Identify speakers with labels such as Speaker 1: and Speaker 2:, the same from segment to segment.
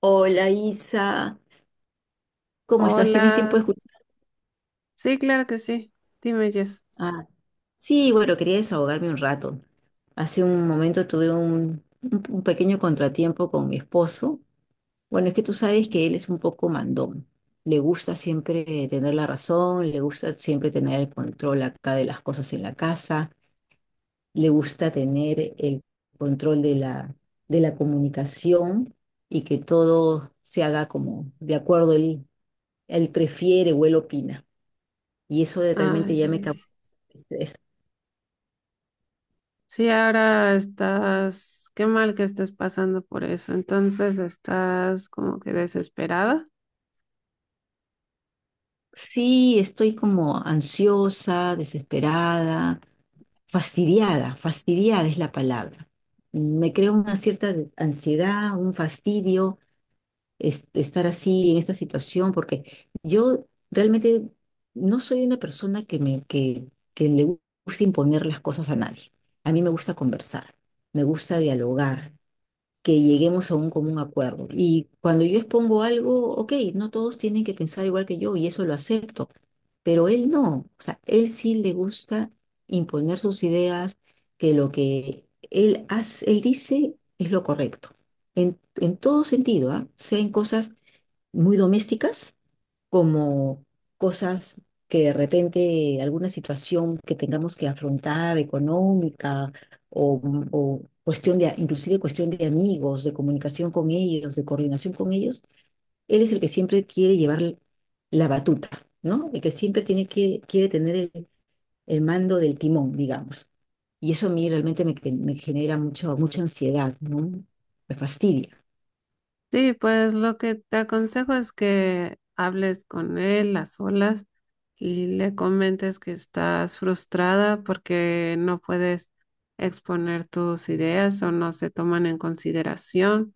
Speaker 1: Hola Isa, ¿cómo estás? ¿Tienes tiempo
Speaker 2: Hola.
Speaker 1: de escuchar?
Speaker 2: Sí, claro que sí. Dime, Jess.
Speaker 1: Ah, sí, bueno, quería desahogarme un rato. Hace un momento tuve un pequeño contratiempo con mi esposo. Bueno, es que tú sabes que él es un poco mandón. Le gusta siempre tener la razón, le gusta siempre tener el control acá de las cosas en la casa, le gusta tener el control de la comunicación y que todo se haga como de acuerdo él, él prefiere o él opina. Y
Speaker 2: Ah,
Speaker 1: realmente ya
Speaker 2: ya
Speaker 1: me causó
Speaker 2: entiendo.
Speaker 1: estrés.
Speaker 2: Sí, ahora estás, qué mal que estés pasando por eso. Entonces estás como que desesperada.
Speaker 1: Sí, estoy como ansiosa, desesperada, fastidiada, fastidiada es la palabra. Me creo una ansiedad, un fastidio estar así en esta situación, porque yo realmente no soy una persona que le gusta imponer las cosas a nadie. A mí me gusta conversar, me gusta dialogar, que lleguemos a un común acuerdo. Y cuando yo expongo algo, ok, no todos tienen que pensar igual que yo y eso lo acepto, pero él no, o sea, él sí le gusta imponer sus ideas, que lo que él hace, él dice es lo correcto, en todo sentido, ¿ah? Sea en cosas muy domésticas como cosas que de repente alguna situación que tengamos que afrontar económica o, o cuestión de, inclusive cuestión de amigos, de comunicación con ellos, de coordinación con ellos, él es el que siempre quiere llevar la batuta, ¿no? El que siempre tiene que, quiere tener el mando del timón, digamos. Y eso a mí realmente me genera mucho, mucha ansiedad, ¿no? Me fastidia.
Speaker 2: Sí, pues lo que te aconsejo es que hables con él a solas y le comentes que estás frustrada porque no puedes exponer tus ideas o no se toman en consideración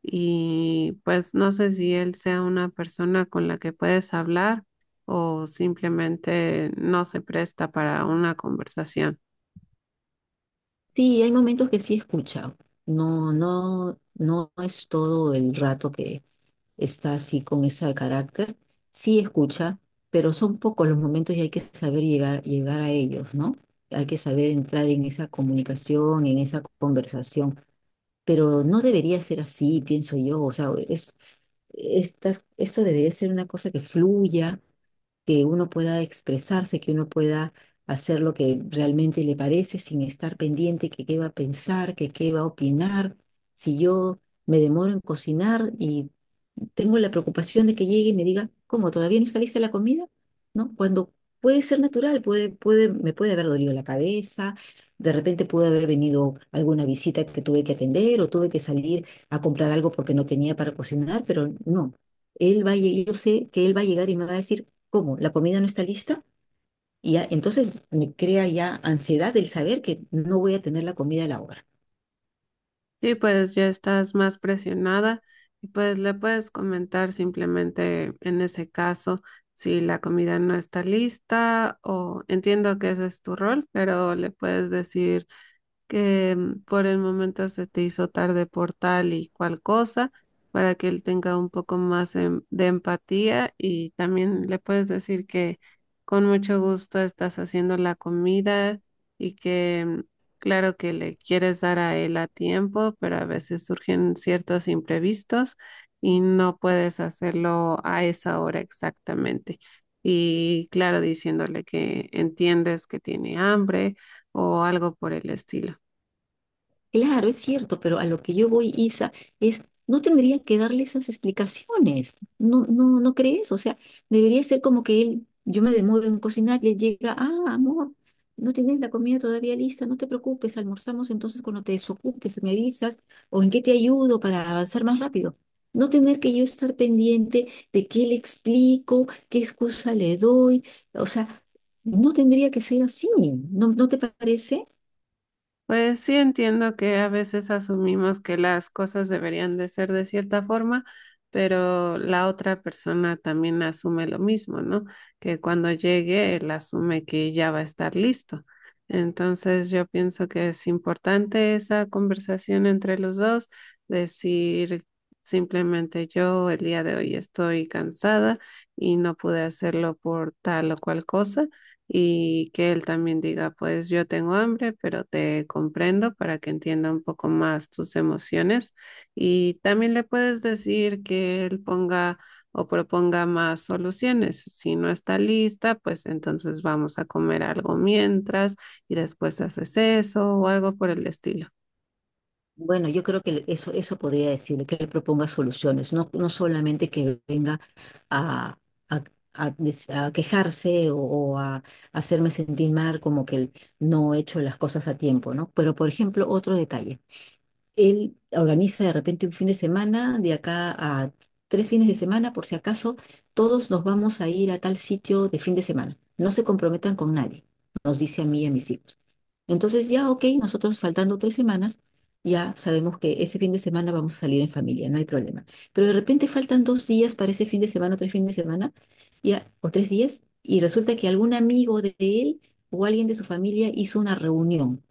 Speaker 2: y pues no sé si él sea una persona con la que puedes hablar o simplemente no se presta para una conversación.
Speaker 1: Sí, hay momentos que sí escucha. No, no, no es todo el rato que está así con ese carácter. Sí escucha, pero son pocos los momentos y hay que saber llegar a ellos, ¿no? Hay que saber entrar en esa comunicación, en esa conversación. Pero no debería ser así, pienso yo. O sea, es, esto debería ser una cosa que fluya, que uno pueda expresarse, que uno pueda hacer lo que realmente le parece sin estar pendiente que qué va a pensar, que qué va a opinar. Si yo me demoro en cocinar y tengo la preocupación de que llegue y me diga, ¿cómo? ¿Todavía no está lista la comida? ¿No? Cuando puede ser natural, puede, me puede haber dolido la cabeza, de repente puede haber venido alguna visita que tuve que atender o tuve que salir a comprar algo porque no tenía para cocinar, pero no. Él yo sé que él va a llegar y me va a decir, ¿cómo? ¿La comida no está lista? Y ya, entonces me crea ya ansiedad el saber que no voy a tener la comida a la hora.
Speaker 2: Sí, pues ya estás más presionada y pues le puedes comentar simplemente en ese caso si la comida no está lista o entiendo que ese es tu rol, pero le puedes decir que por el momento se te hizo tarde por tal y cual cosa, para que él tenga un poco más de empatía y también le puedes decir que con mucho gusto estás haciendo la comida y que claro que le quieres dar a él a tiempo, pero a veces surgen ciertos imprevistos y no puedes hacerlo a esa hora exactamente. Y claro, diciéndole que entiendes que tiene hambre o algo por el estilo.
Speaker 1: Claro, es cierto, pero a lo que yo voy, Isa, es, no tendría que darle esas explicaciones. No, no, ¿no crees? O sea, debería ser como que él, yo me demoro en cocinar y él llega, ah, amor, no tienes la comida todavía lista, no te preocupes, almorzamos entonces cuando te desocupes, me avisas, o en qué te ayudo para avanzar más rápido. No tener que yo estar pendiente de qué le explico, qué excusa le doy, o sea, no tendría que ser así, ¿no, no te parece?
Speaker 2: Pues sí entiendo que a veces asumimos que las cosas deberían de ser de cierta forma, pero la otra persona también asume lo mismo, ¿no? Que cuando llegue, él asume que ya va a estar listo. Entonces yo pienso que es importante esa conversación entre los dos, decir simplemente yo el día de hoy estoy cansada y no pude hacerlo por tal o cual cosa y que él también diga, pues yo tengo hambre, pero te comprendo para que entienda un poco más tus emociones. Y también le puedes decir que él ponga o proponga más soluciones. Si no está lista, pues entonces vamos a comer algo mientras y después haces eso o algo por el estilo.
Speaker 1: Bueno, yo creo que eso podría decirle, que le proponga soluciones, no, no solamente que venga a, a- a quejarse o a hacerme sentir mal como que no he hecho las cosas a tiempo, ¿no? Pero, por ejemplo, otro detalle. Él organiza de repente un fin de semana, de acá a tres fines de semana, por si acaso, todos nos vamos a ir a tal sitio de fin de semana. No se comprometan con nadie, nos dice a mí y a mis hijos. Entonces ya, ok, nosotros faltando tres semanas, ya sabemos que ese fin de semana vamos a salir en familia, no hay problema. Pero de repente faltan dos días para ese fin de semana o tres fines de semana, ya, o tres días, y resulta que algún amigo de él o alguien de su familia hizo una reunión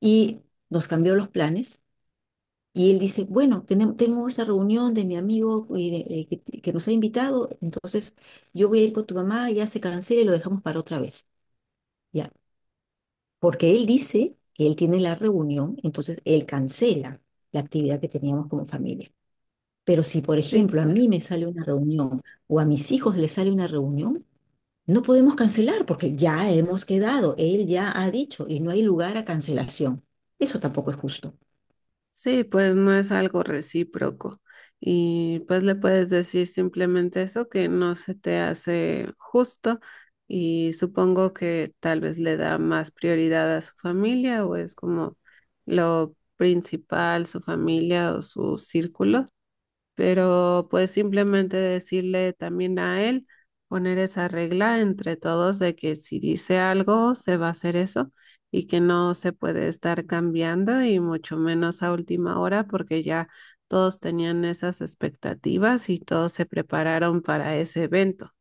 Speaker 1: y nos cambió los planes y él dice, bueno, tengo esa reunión de mi amigo y que nos ha invitado, entonces yo voy a ir con tu mamá, ya se cancela y lo dejamos para otra vez. Ya, porque él dice que él tiene la reunión, entonces él cancela la actividad que teníamos como familia. Pero si, por
Speaker 2: Sí,
Speaker 1: ejemplo, a mí
Speaker 2: pues.
Speaker 1: me sale una reunión o a mis hijos les sale una reunión, no podemos cancelar porque ya hemos quedado, él ya ha dicho y no hay lugar a cancelación. Eso tampoco es justo.
Speaker 2: Sí, pues no es algo recíproco. Y pues le puedes decir simplemente eso, que no se te hace justo y supongo que tal vez le da más prioridad a su familia o es como lo principal, su familia o su círculo, pero pues simplemente decirle también a él, poner esa regla entre todos de que si dice algo, se va a hacer eso y que no se puede estar cambiando y mucho menos a última hora porque ya todos tenían esas expectativas y todos se prepararon para ese evento.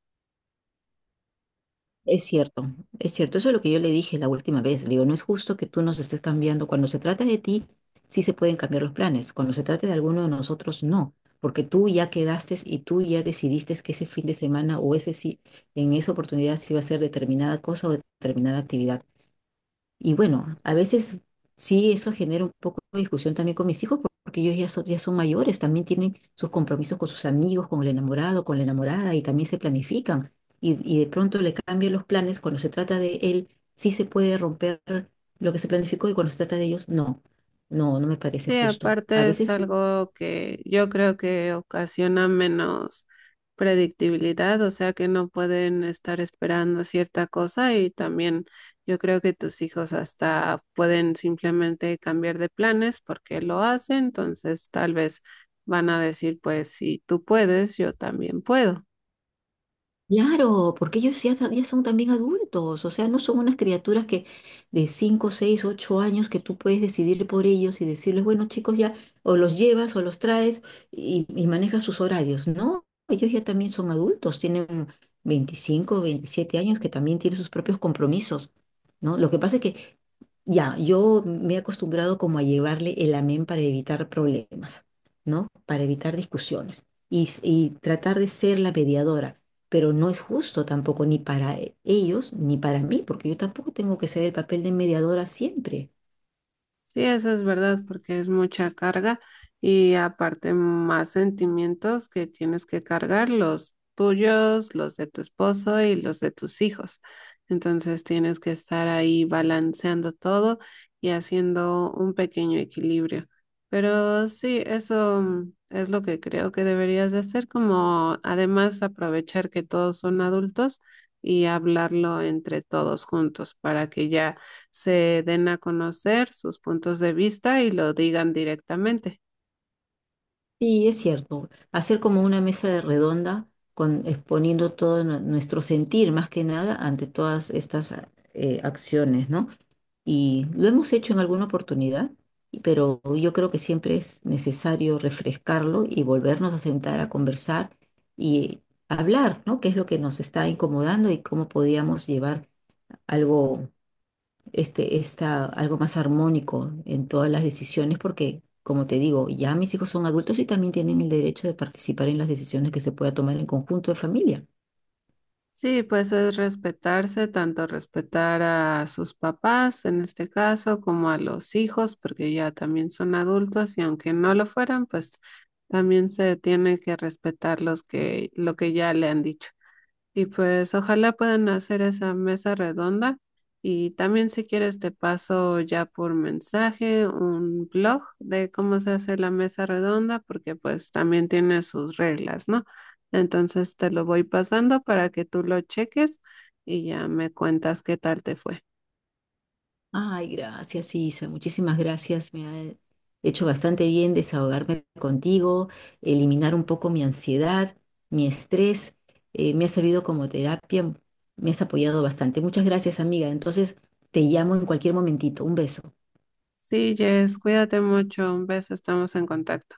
Speaker 1: Es cierto, es cierto. Eso es lo que yo le dije la última vez. Le digo, no es justo que tú nos estés cambiando. Cuando se trata de ti, sí se pueden cambiar los planes. Cuando se trata de alguno de nosotros, no. Porque tú ya quedaste y tú ya decidiste que ese fin de semana o ese sí, en esa oportunidad sí va a ser determinada cosa o determinada actividad. Y bueno, a veces sí eso genera un poco de discusión también con mis hijos, porque ellos ya son mayores, también tienen sus compromisos con sus amigos, con el enamorado, con la enamorada, y también se planifican. Y de pronto le cambian los planes cuando se trata de él, sí se puede romper lo que se planificó y cuando se trata de ellos, no. No, no me parece
Speaker 2: Sí,
Speaker 1: justo. A
Speaker 2: aparte es
Speaker 1: veces
Speaker 2: algo que yo creo que ocasiona menos predictibilidad, o sea que no pueden estar esperando cierta cosa y también yo creo que tus hijos hasta pueden simplemente cambiar de planes porque lo hacen, entonces tal vez van a decir, pues si tú puedes, yo también puedo.
Speaker 1: claro, porque ellos ya son también adultos, o sea, no son unas criaturas que de 5, 6, 8 años que tú puedes decidir por ellos y decirles, bueno, chicos, ya o los llevas o los traes y manejas sus horarios. No, ellos ya también son adultos, tienen 25, 27 años que también tienen sus propios compromisos, ¿no? Lo que pasa es que ya, yo me he acostumbrado como a llevarle el amén para evitar problemas, ¿no? Para evitar discusiones y tratar de ser la mediadora pero no es justo tampoco ni para ellos ni para mí, porque yo tampoco tengo que ser el papel de mediadora siempre.
Speaker 2: Sí, eso es verdad, porque es mucha carga y aparte más sentimientos que tienes que cargar, los tuyos, los de tu esposo y los de tus hijos. Entonces tienes que estar ahí balanceando todo y haciendo un pequeño equilibrio. Pero sí, eso es lo que creo que deberías de hacer, como además aprovechar que todos son adultos y hablarlo entre todos juntos para que ya se den a conocer sus puntos de vista y lo digan directamente.
Speaker 1: Sí, es cierto, hacer como una mesa de redonda con, exponiendo todo nuestro sentir más que nada ante todas estas acciones, ¿no? Y lo hemos hecho en alguna oportunidad, pero yo creo que siempre es necesario refrescarlo y volvernos a sentar a conversar y hablar, ¿no? ¿Qué es lo que nos está incomodando y cómo podíamos llevar algo está algo más armónico en todas las decisiones, porque, como te digo, ya mis hijos son adultos y también tienen el derecho de participar en las decisiones que se pueda tomar en conjunto de familia.
Speaker 2: Sí, pues es respetarse, tanto respetar a sus papás en este caso como a los hijos, porque ya también son adultos y aunque no lo fueran, pues también se tiene que respetar lo que ya le han dicho. Y pues ojalá puedan hacer esa mesa redonda. Y también si quieres te paso ya por mensaje un blog de cómo se hace la mesa redonda, porque pues también tiene sus reglas, ¿no? Entonces te lo voy pasando para que tú lo cheques y ya me cuentas qué tal te fue.
Speaker 1: Ay, gracias, Isa, muchísimas gracias. Me ha hecho bastante bien desahogarme contigo, eliminar un poco mi ansiedad, mi estrés. Me ha servido como terapia, me has apoyado bastante. Muchas gracias, amiga. Entonces, te llamo en cualquier momentito. Un beso.
Speaker 2: Sí, Jess, cuídate mucho. Un beso, estamos en contacto.